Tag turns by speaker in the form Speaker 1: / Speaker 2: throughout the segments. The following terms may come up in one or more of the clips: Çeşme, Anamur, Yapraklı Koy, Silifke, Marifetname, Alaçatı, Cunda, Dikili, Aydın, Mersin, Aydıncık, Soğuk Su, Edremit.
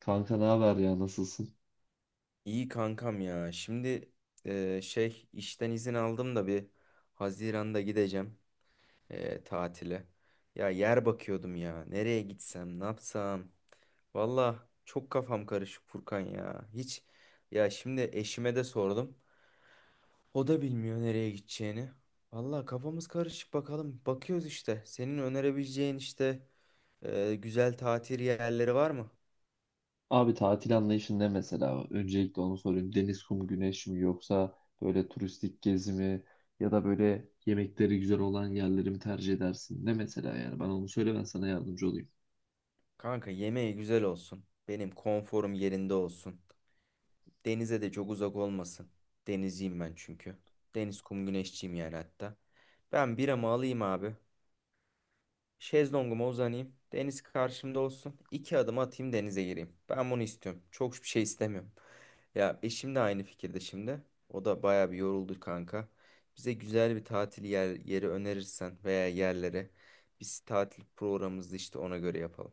Speaker 1: Kanka ne haber ya nasılsın?
Speaker 2: İyi kankam ya. Şimdi şey işten izin aldım da bir Haziran'da gideceğim tatile. Ya yer bakıyordum ya. Nereye gitsem, ne yapsam. Valla çok kafam karışık Furkan ya. Hiç ya şimdi eşime de sordum. O da bilmiyor nereye gideceğini. Valla kafamız karışık bakalım. Bakıyoruz işte. Senin önerebileceğin işte güzel tatil yerleri var mı?
Speaker 1: Abi tatil anlayışın ne mesela? Öncelikle onu sorayım. Deniz, kum, güneş mi yoksa böyle turistik gezi mi ya da böyle yemekleri güzel olan yerleri mi tercih edersin? Ne mesela yani? Bana onu söyle ben sana yardımcı olayım.
Speaker 2: Kanka yemeği güzel olsun. Benim konforum yerinde olsun. Denize de çok uzak olmasın. Denizciyim ben çünkü. Deniz kum güneşçiyim yani hatta. Ben biramı alayım abi. Şezlonguma uzanayım. Deniz karşımda olsun. 2 adım atayım, denize gireyim. Ben bunu istiyorum. Çok bir şey istemiyorum. Ya eşim de aynı fikirde şimdi. O da baya bir yoruldu kanka. Bize güzel bir tatil yeri önerirsen veya yerlere biz tatil programımızı işte ona göre yapalım.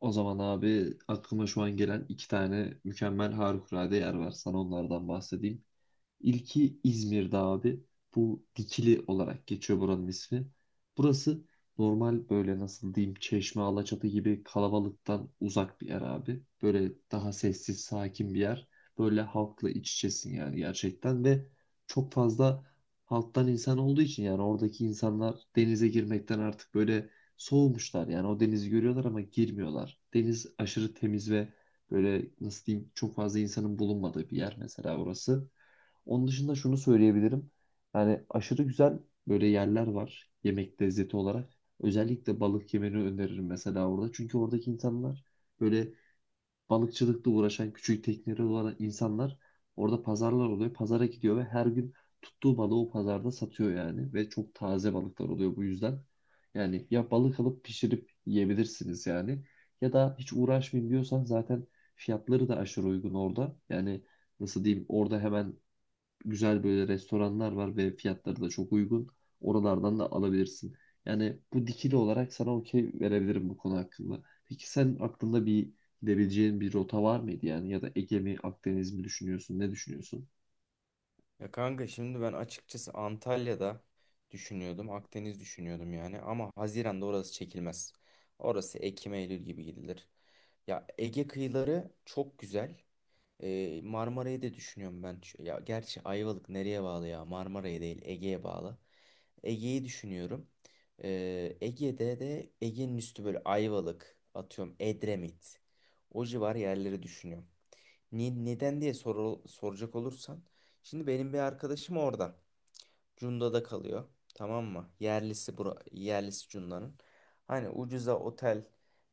Speaker 1: O zaman abi aklıma şu an gelen iki tane mükemmel harikulade yer var. Sana onlardan bahsedeyim. İlki İzmir'de abi. Bu Dikili olarak geçiyor buranın ismi. Burası normal böyle nasıl diyeyim Çeşme, Alaçatı gibi kalabalıktan uzak bir yer abi. Böyle daha sessiz, sakin bir yer. Böyle halkla iç içesin yani gerçekten ve çok fazla halktan insan olduğu için yani oradaki insanlar denize girmekten artık böyle soğumuşlar. Yani o denizi görüyorlar ama girmiyorlar. Deniz aşırı temiz ve böyle nasıl diyeyim çok fazla insanın bulunmadığı bir yer mesela orası. Onun dışında şunu söyleyebilirim. Yani aşırı güzel böyle yerler var yemek lezzeti olarak. Özellikle balık yemeni öneririm mesela orada. Çünkü oradaki insanlar böyle balıkçılıkla uğraşan küçük tekneleri olan insanlar orada pazarlar oluyor. Pazara gidiyor ve her gün tuttuğu balığı o pazarda satıyor yani. Ve çok taze balıklar oluyor bu yüzden. Yani ya balık alıp pişirip yiyebilirsiniz yani. Ya da hiç uğraşmayayım diyorsan zaten fiyatları da aşırı uygun orada. Yani nasıl diyeyim orada hemen güzel böyle restoranlar var ve fiyatları da çok uygun. Oralardan da alabilirsin. Yani bu dikili olarak sana okey verebilirim bu konu hakkında. Peki sen aklında bir gidebileceğin bir rota var mıydı yani ya da Ege mi Akdeniz mi düşünüyorsun ne düşünüyorsun?
Speaker 2: Ya kanka şimdi ben açıkçası Antalya'da düşünüyordum. Akdeniz düşünüyordum yani. Ama Haziran'da orası çekilmez. Orası Ekim Eylül gibi gidilir. Ya Ege kıyıları çok güzel. Marmara'yı da düşünüyorum ben. Ya gerçi Ayvalık nereye bağlı ya? Marmara'ya değil, Ege'ye bağlı. Ege'yi düşünüyorum. Ege'de de Ege'nin üstü, böyle Ayvalık, atıyorum Edremit. O civar yerleri düşünüyorum. Neden diye soracak olursan: şimdi benim bir arkadaşım oradan. Cunda'da kalıyor. Tamam mı? Yerlisi Cunda'nın. Hani ucuza otel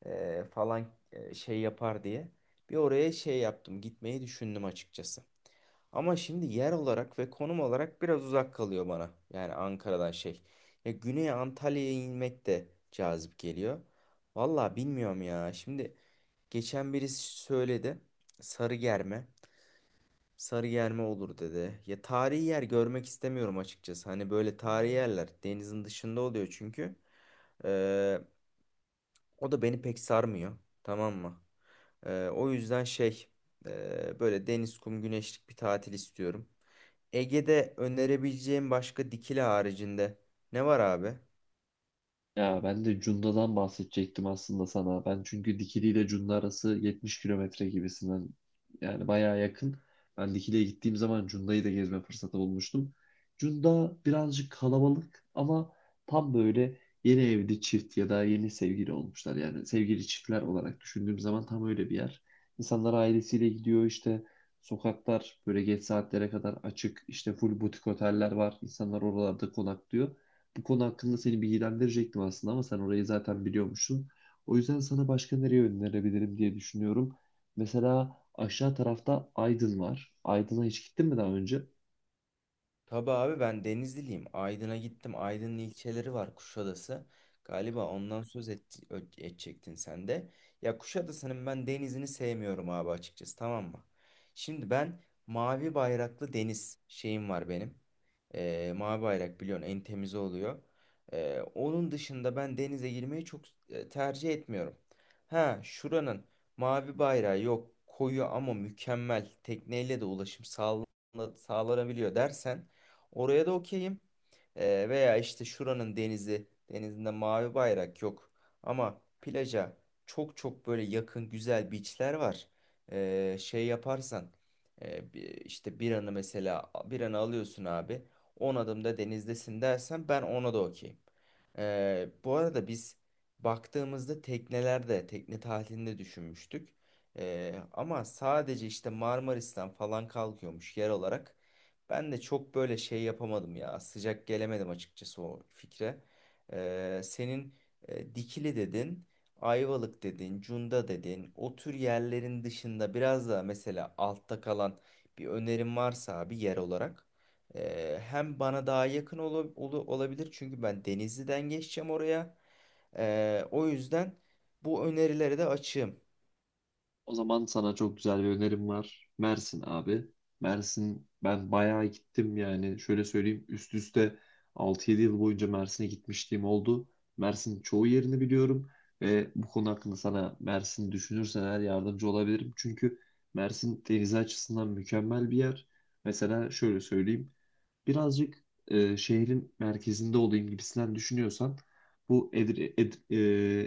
Speaker 2: falan şey yapar diye. Bir oraya şey yaptım. Gitmeyi düşündüm açıkçası. Ama şimdi yer olarak ve konum olarak biraz uzak kalıyor bana. Yani Ankara'dan şey. Ya Güney Antalya'ya inmek de cazip geliyor. Vallahi bilmiyorum ya. Şimdi geçen birisi söyledi. Sarıgerme. Sarıyer mi olur dedi. Ya tarihi yer görmek istemiyorum açıkçası. Hani böyle tarihi yerler denizin dışında oluyor çünkü. Ee, O da beni pek sarmıyor. Tamam mı? O yüzden şey, böyle deniz, kum, güneşlik bir tatil istiyorum. Ege'de önerebileceğim başka, Dikili haricinde, ne var abi?
Speaker 1: Ya ben de Cunda'dan bahsedecektim aslında sana. Ben çünkü Dikili ile Cunda arası 70 kilometre gibisinden yani bayağı yakın. Ben Dikili'ye gittiğim zaman Cunda'yı da gezme fırsatı bulmuştum. Cunda birazcık kalabalık ama tam böyle yeni evli çift ya da yeni sevgili olmuşlar. Yani sevgili çiftler olarak düşündüğüm zaman tam öyle bir yer. İnsanlar ailesiyle gidiyor işte sokaklar böyle geç saatlere kadar açık işte full butik oteller var. İnsanlar oralarda konaklıyor. Bu konu hakkında seni bilgilendirecektim aslında ama sen orayı zaten biliyormuşsun. O yüzden sana başka nereye önerebilirim diye düşünüyorum. Mesela aşağı tarafta Aydın var. Aydın'a hiç gittin mi daha önce?
Speaker 2: Tabii abi, ben Denizliliyim. Aydın'a gittim. Aydın'ın ilçeleri var, Kuşadası. Galiba ondan söz edecektin sen de. Ya Kuşadası'nın ben denizini sevmiyorum abi açıkçası, tamam mı? Şimdi ben mavi bayraklı deniz şeyim var benim. Mavi bayrak biliyorsun en temizi oluyor. Onun dışında ben denize girmeyi çok tercih etmiyorum. Ha, şuranın mavi bayrağı yok koyu, ama mükemmel, tekneyle de ulaşım sağlanabiliyor dersen, oraya da okeyim. Veya işte şuranın denizinde mavi bayrak yok. Ama plaja çok çok böyle yakın güzel beachler var. Şey yaparsan, e, bi- işte bir anı mesela, bir anı alıyorsun abi. 10 adımda denizdesin dersen, ben ona da okeyim. Bu arada biz baktığımızda tekne tatilinde düşünmüştük. Ama sadece işte Marmaris'ten falan kalkıyormuş yer olarak. Ben de çok böyle şey yapamadım ya. Sıcak gelemedim açıkçası o fikre. Senin Dikili dedin, Ayvalık dedin, Cunda dedin. O tür yerlerin dışında biraz daha mesela altta kalan bir önerim varsa abi, yer olarak. Hem bana daha yakın olabilir, çünkü ben Denizli'den geçeceğim oraya. O yüzden bu önerileri de açığım.
Speaker 1: O zaman sana çok güzel bir önerim var. Mersin abi. Mersin ben bayağı gittim yani. Şöyle söyleyeyim üst üste 6-7 yıl boyunca Mersin'e gitmişliğim oldu. Mersin'in çoğu yerini biliyorum ve bu konu hakkında sana Mersin düşünürsen eğer yardımcı olabilirim. Çünkü Mersin deniz açısından mükemmel bir yer. Mesela şöyle söyleyeyim. Birazcık şehrin merkezinde olayım gibisinden düşünüyorsan bu Edre- Ed-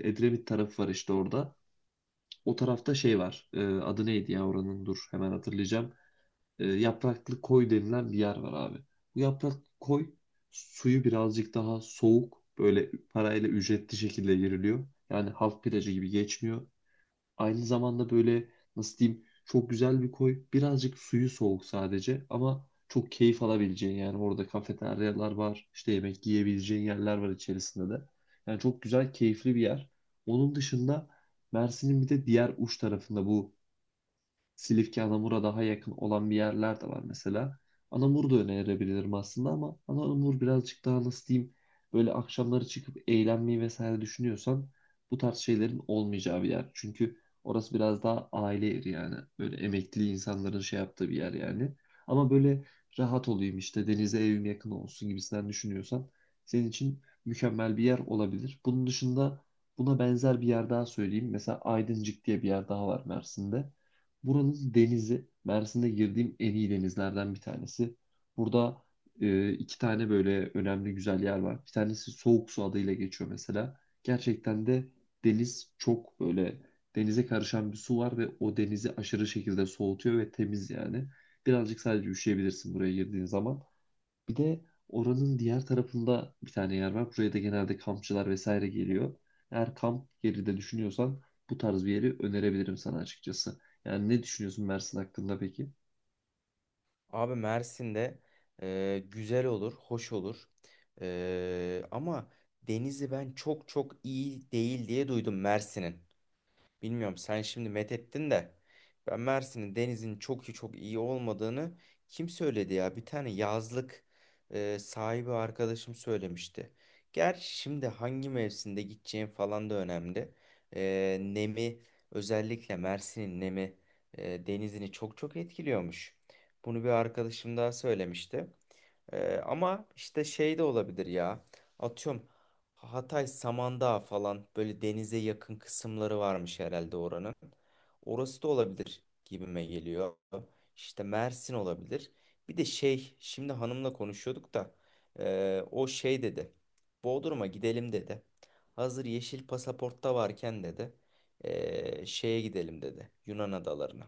Speaker 1: e, Edremit tarafı var işte orada. O tarafta şey var. Adı neydi ya oranın? Dur hemen hatırlayacağım. Yapraklı Koy denilen bir yer var abi. Bu Yapraklı Koy suyu birazcık daha soğuk. Böyle parayla ücretli şekilde giriliyor. Yani halk plajı gibi geçmiyor. Aynı zamanda böyle nasıl diyeyim çok güzel bir koy. Birazcık suyu soğuk sadece ama çok keyif alabileceğin yani orada kafeteryalar var. İşte yemek yiyebileceğin yerler var içerisinde de. Yani çok güzel keyifli bir yer. Onun dışında Mersin'in bir de diğer uç tarafında bu Silifke, Anamur'a daha yakın olan bir yerler de var mesela. Anamur da önerebilirim aslında ama Anamur birazcık daha nasıl diyeyim böyle akşamları çıkıp eğlenmeyi vesaire düşünüyorsan bu tarz şeylerin olmayacağı bir yer. Çünkü orası biraz daha aile yeri yani. Böyle emekli insanların şey yaptığı bir yer yani. Ama böyle rahat olayım işte denize evim yakın olsun gibisinden düşünüyorsan senin için mükemmel bir yer olabilir. Bunun dışında buna benzer bir yer daha söyleyeyim. Mesela Aydıncık diye bir yer daha var Mersin'de. Buranın denizi Mersin'de girdiğim en iyi denizlerden bir tanesi. Burada iki tane böyle önemli güzel yer var. Bir tanesi Soğuk Su adıyla geçiyor mesela. Gerçekten de deniz çok böyle denize karışan bir su var ve o denizi aşırı şekilde soğutuyor ve temiz yani. Birazcık sadece üşüyebilirsin buraya girdiğin zaman. Bir de oranın diğer tarafında bir tane yer var. Buraya da genelde kampçılar vesaire geliyor. Eğer kamp yeri de düşünüyorsan bu tarz bir yeri önerebilirim sana açıkçası. Yani ne düşünüyorsun Mersin hakkında peki?
Speaker 2: Abi Mersin'de güzel olur, hoş olur. Ama denizi ben çok çok iyi değil diye duydum Mersin'in. Bilmiyorum, sen şimdi methettin de, ben Mersin'in denizin çok iyi olmadığını kim söyledi ya? Bir tane yazlık sahibi arkadaşım söylemişti. Gerçi şimdi hangi mevsimde gideceğim falan da önemli. Nemi, özellikle Mersin'in nemi denizini çok çok etkiliyormuş. Bunu bir arkadaşım daha söylemişti. Ama işte şey de olabilir ya. Atıyorum, Hatay Samandağ falan, böyle denize yakın kısımları varmış herhalde oranın. Orası da olabilir gibime geliyor. İşte Mersin olabilir. Bir de şey, şimdi hanımla konuşuyorduk da o şey dedi. Bodrum'a gidelim dedi. Hazır yeşil pasaportta varken dedi, şeye gidelim dedi, Yunan adalarına.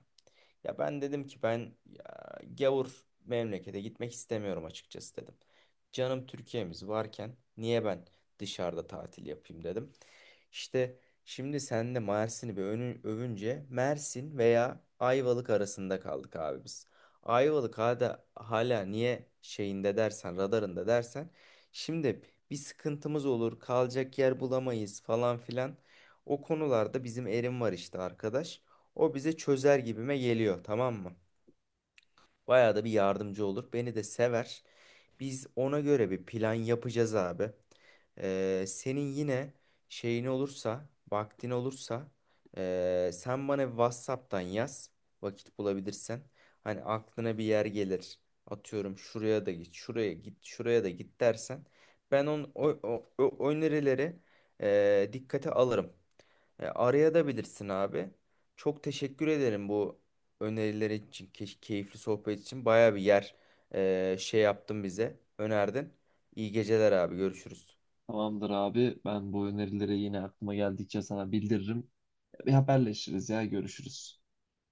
Speaker 2: Ya ben dedim ki, ben ya, gavur memlekete gitmek istemiyorum açıkçası dedim. Canım Türkiye'miz varken niye ben dışarıda tatil yapayım dedim. İşte şimdi sen de Mersin'i bir övünce, Mersin veya Ayvalık arasında kaldık abi biz. Ayvalık hala niye şeyinde dersen, radarında dersen: şimdi bir sıkıntımız olur, kalacak yer bulamayız falan filan. O konularda bizim Erim var işte, arkadaş. O bize çözer gibime geliyor, tamam mı? Bayağı da bir yardımcı olur. Beni de sever. Biz ona göre bir plan yapacağız abi. Senin yine şeyin olursa, vaktin olursa, sen bana WhatsApp'tan yaz, vakit bulabilirsen. Hani aklına bir yer gelir. Atıyorum, şuraya da git, şuraya git, şuraya da git dersen, ben o önerileri dikkate alırım. Araya da bilirsin abi. Çok teşekkür ederim bu öneriler için, keyifli sohbet için. Baya bir yer şey yaptın bize, önerdin. İyi geceler abi, görüşürüz.
Speaker 1: Tamamdır abi. Ben bu önerileri yine aklıma geldikçe sana bildiririm. Bir haberleşiriz ya. Görüşürüz.